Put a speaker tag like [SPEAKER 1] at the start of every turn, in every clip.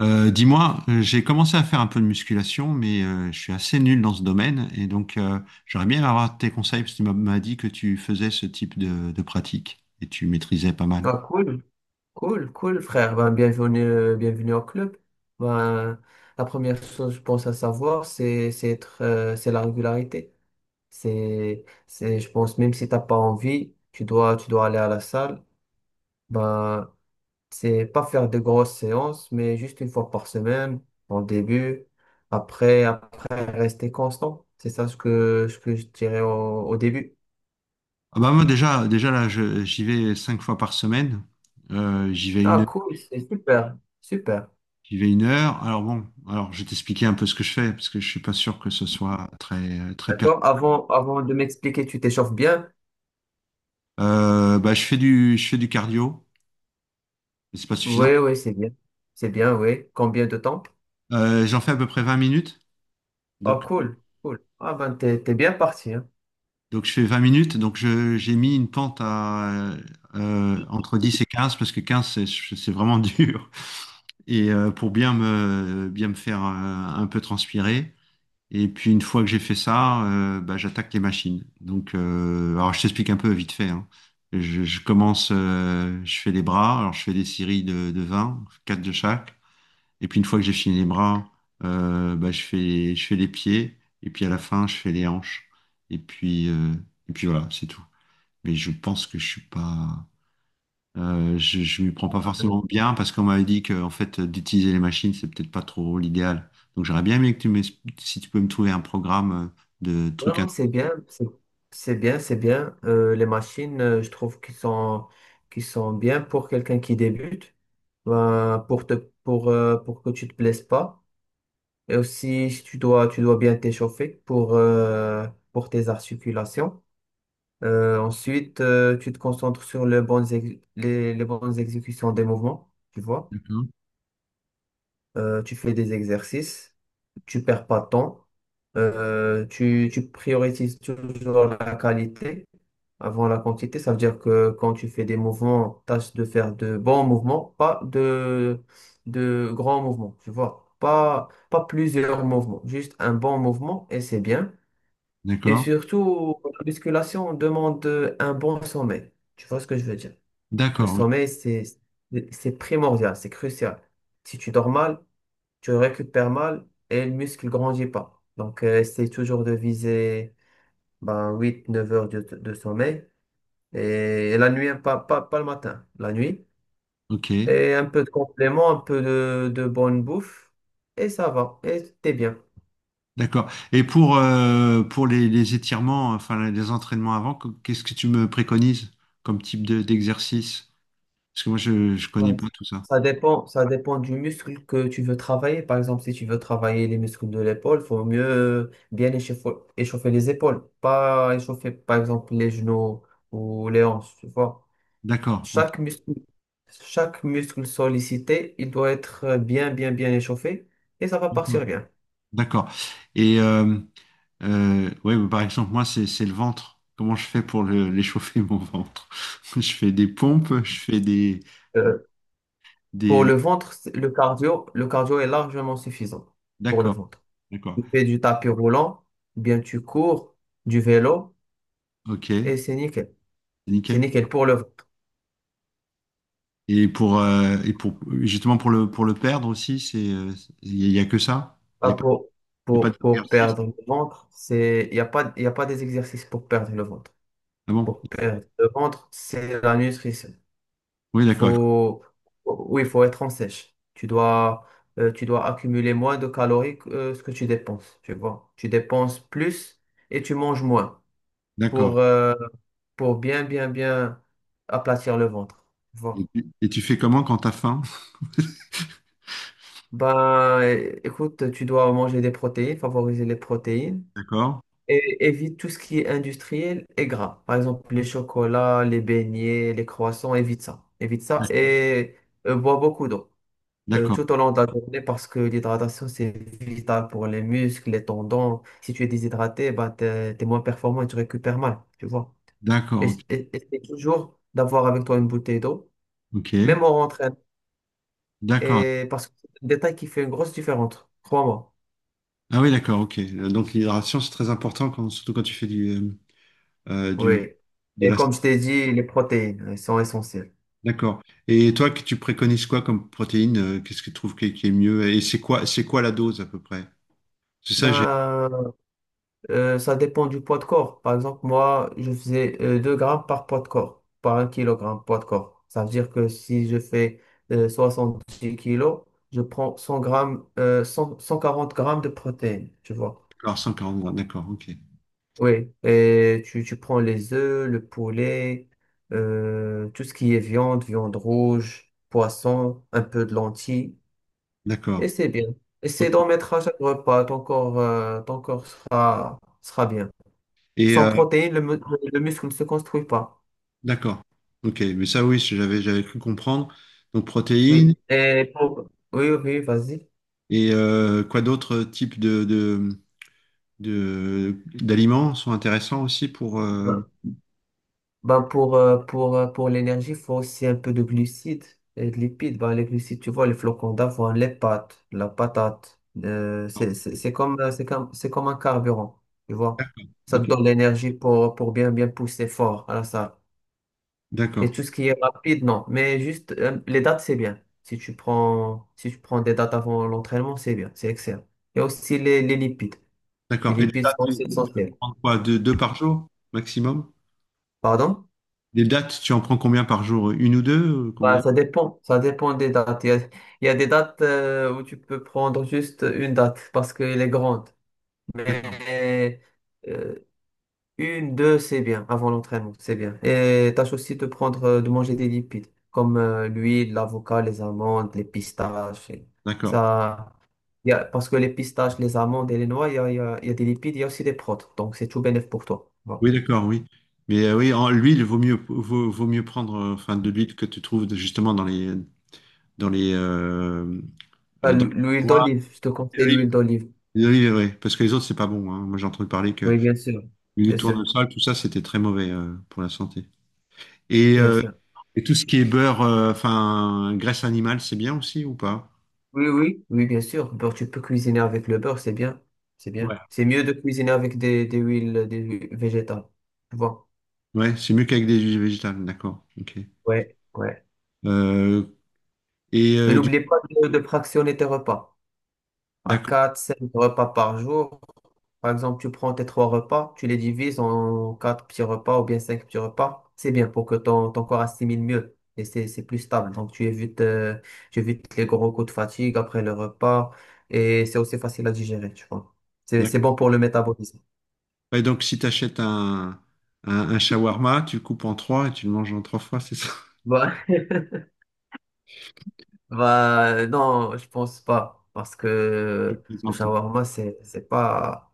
[SPEAKER 1] J'ai commencé à faire un peu de musculation, mais je suis assez nul dans ce domaine, et j'aurais bien aimé avoir tes conseils, parce que tu m'as dit que tu faisais ce type de pratique, et tu maîtrisais pas mal.
[SPEAKER 2] Ah, cool, cool, cool, frère. Ben, bienvenue au club. Ben, la première chose, je pense, à savoir, c'est la régularité. Je pense, même si t'as pas envie, tu dois aller à la salle. Ben, c'est pas faire de grosses séances, mais juste une fois par semaine, en début. Après, rester constant. C'est ça ce que je dirais au début.
[SPEAKER 1] Ah bah moi déjà là, j'y vais cinq fois par semaine. Euh, j'y vais
[SPEAKER 2] Ah,
[SPEAKER 1] une,
[SPEAKER 2] cool, c'est super, super.
[SPEAKER 1] J'y vais une heure. Alors bon, alors je vais t'expliquer un peu ce que je fais, parce que je suis pas sûr que ce soit très très pertinent.
[SPEAKER 2] D'accord? Avant de m'expliquer, tu t'échauffes bien.
[SPEAKER 1] Bah je fais je fais du cardio, mais c'est pas suffisant.
[SPEAKER 2] Oui, oui, c'est bien. C'est bien, oui. Combien de temps?
[SPEAKER 1] J'en fais à peu près 20 minutes,
[SPEAKER 2] Oh,
[SPEAKER 1] donc.
[SPEAKER 2] cool, cool. Ah ben, t'es bien parti, hein.
[SPEAKER 1] Donc je fais 20 minutes, j'ai mis une pente à entre 10 et quinze, parce que 15 c'est vraiment dur, et pour bien me faire un peu transpirer. Et puis une fois que j'ai fait ça, bah, j'attaque les machines. Alors je t'explique un peu vite fait, hein. Je commence, je fais les bras, alors je fais des séries de 20 4 de chaque. Et puis une fois que j'ai fini les bras, bah, je fais les pieds. Et puis à la fin, je fais les hanches. Et puis, euh, et puis voilà, c'est tout. Mais je pense que je suis pas, je m'y prends pas
[SPEAKER 2] Euh,
[SPEAKER 1] forcément bien, parce qu'on m'avait dit que en fait d'utiliser les machines, c'est peut-être pas trop l'idéal. Donc j'aurais bien aimé que tu m'expliques si tu peux me trouver un programme de
[SPEAKER 2] Non,
[SPEAKER 1] trucs à...
[SPEAKER 2] non, c'est bien, c'est bien, c'est bien. Les machines, je trouve qu'ils sont bien pour quelqu'un qui débute, ben, pour que tu te blesses pas. Et aussi, si tu dois bien t'échauffer pour tes articulations. Ensuite, tu te concentres sur les bonnes exécutions des mouvements, tu vois. Tu fais des exercices, tu perds pas de temps, tu priorises toujours la qualité avant la quantité. Ça veut dire que quand tu fais des mouvements, tâche de faire de bons mouvements, pas de grands mouvements, tu vois. Pas plusieurs mouvements, juste un bon mouvement et c'est bien. Et
[SPEAKER 1] D'accord?
[SPEAKER 2] surtout, la musculation demande un bon sommeil. Tu vois ce que je veux dire? Le
[SPEAKER 1] D'accord, oui.
[SPEAKER 2] sommeil, c'est primordial, c'est crucial. Si tu dors mal, tu récupères mal et le muscle grandit pas. Donc, essaye toujours de viser ben, 8 9 heures de sommeil. Et la nuit, hein, pas, pas, pas le matin, la nuit.
[SPEAKER 1] Ok.
[SPEAKER 2] Et un peu de complément, un peu de bonne bouffe. Et ça va, et t'es bien.
[SPEAKER 1] D'accord. Et pour les étirements, enfin les entraînements avant, qu'est-ce que tu me préconises comme type d'exercice? Parce que moi, je ne connais
[SPEAKER 2] Voilà.
[SPEAKER 1] pas tout ça.
[SPEAKER 2] Ça dépend du muscle que tu veux travailler. Par exemple, si tu veux travailler les muscles de l'épaule, il faut mieux bien échauffer les épaules. Pas échauffer, par exemple, les genoux ou les hanches, tu vois.
[SPEAKER 1] D'accord. Ok.
[SPEAKER 2] Chaque muscle, chaque muscle sollicité, il doit être bien, bien, bien échauffé et ça va
[SPEAKER 1] D'accord.
[SPEAKER 2] partir bien.
[SPEAKER 1] D'accord. Et euh, ouais, Bah, par exemple, moi, c'est le ventre. Comment je fais pour l'échauffer, mon ventre? Je fais des pompes, je fais
[SPEAKER 2] Euh,
[SPEAKER 1] des...
[SPEAKER 2] pour le ventre, le cardio est largement suffisant pour le
[SPEAKER 1] D'accord.
[SPEAKER 2] ventre.
[SPEAKER 1] D'accord.
[SPEAKER 2] Tu fais du tapis roulant, bien tu cours, du vélo
[SPEAKER 1] Ok.
[SPEAKER 2] et c'est nickel. C'est
[SPEAKER 1] Nickel.
[SPEAKER 2] nickel pour le ventre.
[SPEAKER 1] Et pour justement pour pour le perdre aussi, il n'y a que ça? Il y
[SPEAKER 2] Ah,
[SPEAKER 1] a pas...
[SPEAKER 2] pour,
[SPEAKER 1] Et pas
[SPEAKER 2] pour, pour
[SPEAKER 1] d'exercice.
[SPEAKER 2] perdre le ventre, il n'y a pas des exercices pour perdre le ventre.
[SPEAKER 1] Ah bon?
[SPEAKER 2] Pour perdre le ventre, c'est la nutrition.
[SPEAKER 1] Oui, d'accord.
[SPEAKER 2] Faut, oui, il faut être en sèche. Tu dois accumuler moins de calories que ce que tu dépenses. Tu vois, tu dépenses plus et tu manges moins
[SPEAKER 1] D'accord.
[SPEAKER 2] pour, euh, pour bien, bien, bien aplatir le ventre. Tu vois.
[SPEAKER 1] Et tu fais comment quand t'as faim?
[SPEAKER 2] Ben, écoute, tu dois manger des protéines, favoriser les protéines.
[SPEAKER 1] D'accord.
[SPEAKER 2] Et évite tout ce qui est industriel et gras. Par exemple, les chocolats, les beignets, les croissants, évite ça. Évite ça et bois beaucoup d'eau
[SPEAKER 1] D'accord.
[SPEAKER 2] tout au long de la journée parce que l'hydratation, c'est vital pour les muscles, les tendons. Si tu es déshydraté, bah, t'es, t'es moins performant et tu récupères mal, tu vois. Et,
[SPEAKER 1] D'accord.
[SPEAKER 2] et- essaie toujours d'avoir avec toi une bouteille d'eau,
[SPEAKER 1] Ok.
[SPEAKER 2] même
[SPEAKER 1] Ok.
[SPEAKER 2] en rentrant.
[SPEAKER 1] D'accord.
[SPEAKER 2] Et parce que c'est un détail qui fait une grosse différence, crois-moi.
[SPEAKER 1] Ah oui, d'accord. Ok. Donc l'hydratation, c'est très important, surtout quand tu fais du
[SPEAKER 2] Oui.
[SPEAKER 1] de
[SPEAKER 2] Et
[SPEAKER 1] la.
[SPEAKER 2] comme je t'ai dit, les protéines, elles sont essentielles.
[SPEAKER 1] D'accord. Et toi, que tu préconises quoi comme protéine? Qu'est-ce que tu trouves qui est mieux? Et c'est quoi la dose à peu près? C'est ça, j'ai.
[SPEAKER 2] Ben, ça dépend du poids de corps. Par exemple, moi, je faisais 2 grammes par poids de corps, par un kilogramme poids de corps. Ça veut dire que si je fais euh, 10 kilos, je prends 100 grammes, cent quarante grammes de protéines, tu vois.
[SPEAKER 1] D'accord, 140 grammes. D'accord. Ok.
[SPEAKER 2] Oui, et tu prends les œufs, le poulet, tout ce qui est viande rouge, poisson, un peu de lentilles, et
[SPEAKER 1] D'accord.
[SPEAKER 2] c'est bien. Essaie
[SPEAKER 1] Ok.
[SPEAKER 2] d'en mettre à chaque repas, ton corps sera bien.
[SPEAKER 1] Et
[SPEAKER 2] Sans
[SPEAKER 1] euh,
[SPEAKER 2] protéines, le muscle ne se construit pas.
[SPEAKER 1] d'accord. Ok. Mais ça, oui, j'avais cru comprendre. Donc protéines.
[SPEAKER 2] Oui. Et pour... Oui, oui, vas-y.
[SPEAKER 1] Quoi d'autres types de- d'aliments sont intéressants aussi pour...
[SPEAKER 2] Ben, ben, pour l'énergie, il faut aussi un peu de glucides et de lipides. Ben, les glucides, tu vois, les flocons d'avoine, les pâtes, la patate. C'est comme, c'est comme, c'est comme un carburant, tu vois.
[SPEAKER 1] D'accord.
[SPEAKER 2] Ça te
[SPEAKER 1] Ok.
[SPEAKER 2] donne l'énergie pour bien, bien pousser fort à la salle. Et
[SPEAKER 1] D'accord.
[SPEAKER 2] tout ce qui est rapide, non. Mais juste, les dates, c'est bien. Si tu prends, si tu prends des dates avant l'entraînement, c'est bien, c'est excellent. Et aussi les lipides. Les
[SPEAKER 1] D'accord. Et les
[SPEAKER 2] lipides
[SPEAKER 1] dates,
[SPEAKER 2] sont
[SPEAKER 1] tu
[SPEAKER 2] aussi essentielles.
[SPEAKER 1] prends quoi? Deux par jour maximum?
[SPEAKER 2] Pardon?
[SPEAKER 1] Les dates, tu en prends combien par jour? Une ou deux?
[SPEAKER 2] Bah,
[SPEAKER 1] Combien?
[SPEAKER 2] ça dépend. Ça dépend des dates. Il y a des dates où tu peux prendre juste une date parce qu'elle est grande.
[SPEAKER 1] D'accord.
[SPEAKER 2] Et, euh, une, deux, c'est bien. Avant l'entraînement, c'est bien. Et tâche aussi de prendre, de manger des lipides comme l'huile, l'avocat, les amandes, les pistaches. Et
[SPEAKER 1] D'accord.
[SPEAKER 2] ça, il y a, parce que les pistaches, les amandes et les noix, il y a, il y a, il y a des lipides, il y a aussi des protes. Donc, c'est tout bénéf pour toi. Voilà.
[SPEAKER 1] Oui, d'accord, oui. Oui, en, l'huile, vaut mieux prendre enfin, de l'huile que tu trouves justement dans les... Dans les euh,
[SPEAKER 2] Ah,
[SPEAKER 1] Dans les
[SPEAKER 2] l'huile
[SPEAKER 1] noix,
[SPEAKER 2] d'olive, je te
[SPEAKER 1] l'huile
[SPEAKER 2] conseille
[SPEAKER 1] d'olive.
[SPEAKER 2] l'huile d'olive.
[SPEAKER 1] L'huile d'olive, oui. Parce que les autres, c'est pas bon, hein. Moi, j'ai entendu parler que...
[SPEAKER 2] Oui, bien sûr.
[SPEAKER 1] Huile de
[SPEAKER 2] Bien sûr.
[SPEAKER 1] tournesol, tout ça, c'était très mauvais pour la santé. Et,
[SPEAKER 2] Bien
[SPEAKER 1] euh,
[SPEAKER 2] sûr.
[SPEAKER 1] et tout ce qui est beurre, enfin, graisse animale, c'est bien aussi ou pas?
[SPEAKER 2] Oui, oui, oui, bien sûr. Beurre, tu peux cuisiner avec le beurre, c'est bien. C'est bien.
[SPEAKER 1] Ouais.
[SPEAKER 2] C'est mieux de cuisiner avec des huiles végétales. Tu vois?
[SPEAKER 1] Ouais, c'est mieux qu'avec des huiles végétales, d'accord. Ok.
[SPEAKER 2] Ouais, ouais.
[SPEAKER 1] Euh, et
[SPEAKER 2] Et
[SPEAKER 1] du
[SPEAKER 2] n'oublie pas de fractionner tes repas. À
[SPEAKER 1] D'accord,
[SPEAKER 2] 4 5 repas par jour. Par exemple, tu prends tes trois repas, tu les divises en quatre petits repas ou bien cinq petits repas. C'est bien pour que ton corps assimile mieux. Et c'est plus stable. Donc, tu évites les gros coups de fatigue après le repas. Et c'est aussi facile à digérer, tu vois. C'est
[SPEAKER 1] d'accord.
[SPEAKER 2] bon pour le métabolisme.
[SPEAKER 1] Ouais, donc, si tu achètes un shawarma, tu le coupes en trois et tu le manges en trois fois, c'est ça?
[SPEAKER 2] Bah, bah, non, je pense pas. Parce
[SPEAKER 1] Je
[SPEAKER 2] que le
[SPEAKER 1] plaisante.
[SPEAKER 2] shawarma, c'est, c'est pas,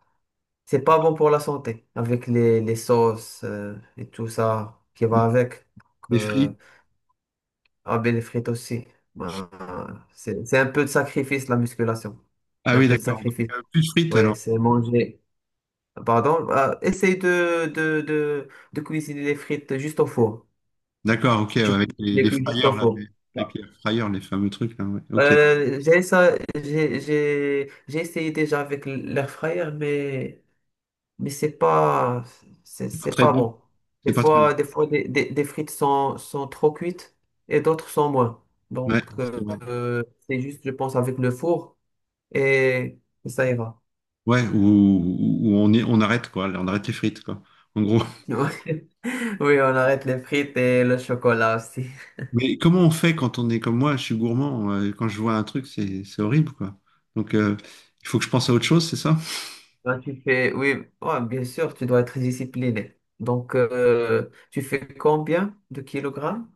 [SPEAKER 2] c'est pas bon pour la santé. Avec les sauces et tout ça qui va
[SPEAKER 1] Des,
[SPEAKER 2] avec. Donc,
[SPEAKER 1] des frites.
[SPEAKER 2] ah, ben, les frites aussi. Bah, c'est un peu de sacrifice, la musculation.
[SPEAKER 1] Ah
[SPEAKER 2] C'est un
[SPEAKER 1] oui,
[SPEAKER 2] peu de
[SPEAKER 1] d'accord. Donc,
[SPEAKER 2] sacrifice.
[SPEAKER 1] plus de frites
[SPEAKER 2] Ouais,
[SPEAKER 1] alors.
[SPEAKER 2] c'est manger. Pardon, bah, essaye de cuisiner les frites juste au four.
[SPEAKER 1] D'accord, ok, ouais,
[SPEAKER 2] Tu
[SPEAKER 1] avec
[SPEAKER 2] les
[SPEAKER 1] les
[SPEAKER 2] cuis juste au
[SPEAKER 1] fryers,
[SPEAKER 2] four.
[SPEAKER 1] avec
[SPEAKER 2] Voilà.
[SPEAKER 1] les fryers, les fameux trucs, là, ouais. Ok.
[SPEAKER 2] J'ai ça, j'ai essayé déjà avec l'air fryer, mais c'est pas, c'est,
[SPEAKER 1] C'est pas
[SPEAKER 2] c'est
[SPEAKER 1] très
[SPEAKER 2] pas
[SPEAKER 1] bon.
[SPEAKER 2] bon.
[SPEAKER 1] C'est
[SPEAKER 2] Des
[SPEAKER 1] pas très bon.
[SPEAKER 2] fois, des fois, des frites sont trop cuites et d'autres sont moins.
[SPEAKER 1] Ouais,
[SPEAKER 2] Donc,
[SPEAKER 1] c'est vrai.
[SPEAKER 2] c'est juste, je pense, avec le four et ça ira.
[SPEAKER 1] Ouais, on est, on arrête quoi, on arrête les frites quoi, en gros.
[SPEAKER 2] Oui, on arrête les frites et le chocolat aussi.
[SPEAKER 1] Mais comment on fait quand on est comme moi, je suis gourmand, quand je vois un truc, c'est horrible quoi. Donc euh, il faut que je pense à autre chose, c'est ça?
[SPEAKER 2] Toi, tu fais, oui, ouais, bien sûr, tu dois être discipliné. Donc, tu fais combien de kilogrammes?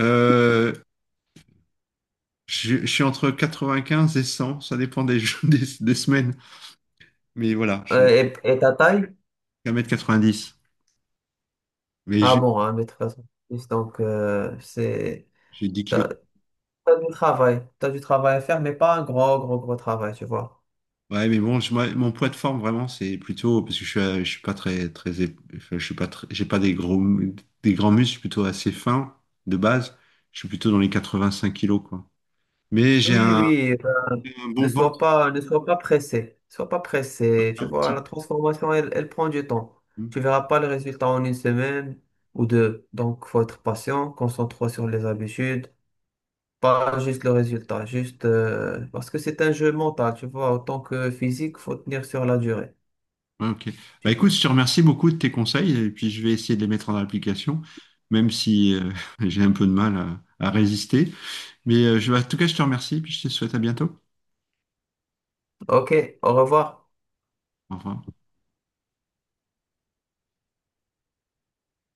[SPEAKER 1] Euh, je suis entre 95 et 100, ça dépend des semaines. Mais voilà, j'ai
[SPEAKER 2] Et, ta taille?
[SPEAKER 1] un mètre quatre-vingt-dix. mais
[SPEAKER 2] Ah
[SPEAKER 1] j'ai
[SPEAKER 2] bon, un mais de façon, donc c'est
[SPEAKER 1] j'ai 10 kg.
[SPEAKER 2] t'as, t'as du travail à faire, mais pas un gros, gros, gros travail, tu vois.
[SPEAKER 1] Ouais, mais bon, moi, mon poids de forme vraiment, c'est plutôt parce que je suis pas très, j'ai pas des des grands muscles, je suis plutôt assez fin de base. Je suis plutôt dans les 85 kilos, quoi. Mais j'ai
[SPEAKER 2] Oui,
[SPEAKER 1] un,
[SPEAKER 2] oui,
[SPEAKER 1] Ouais, un bon
[SPEAKER 2] ne
[SPEAKER 1] ventre.
[SPEAKER 2] sois pas, ne sois pas pressé, sois pas pressé, tu
[SPEAKER 1] un
[SPEAKER 2] vois, la
[SPEAKER 1] petit-
[SPEAKER 2] transformation, elle prend du temps.
[SPEAKER 1] Hmm.
[SPEAKER 2] Tu verras pas le résultat en une semaine ou deux, donc faut être patient, concentre-toi sur les habitudes. Pas juste le résultat, juste parce que c'est un jeu mental, tu vois, autant que physique, faut tenir sur la durée.
[SPEAKER 1] Ouais, ok. Bah
[SPEAKER 2] Tu-
[SPEAKER 1] écoute, je te remercie beaucoup de tes conseils et puis je vais essayer de les mettre en application, même si j'ai un peu de mal à résister. En tout cas, je te remercie puis je te souhaite à bientôt.
[SPEAKER 2] Ok, au revoir.
[SPEAKER 1] Au revoir.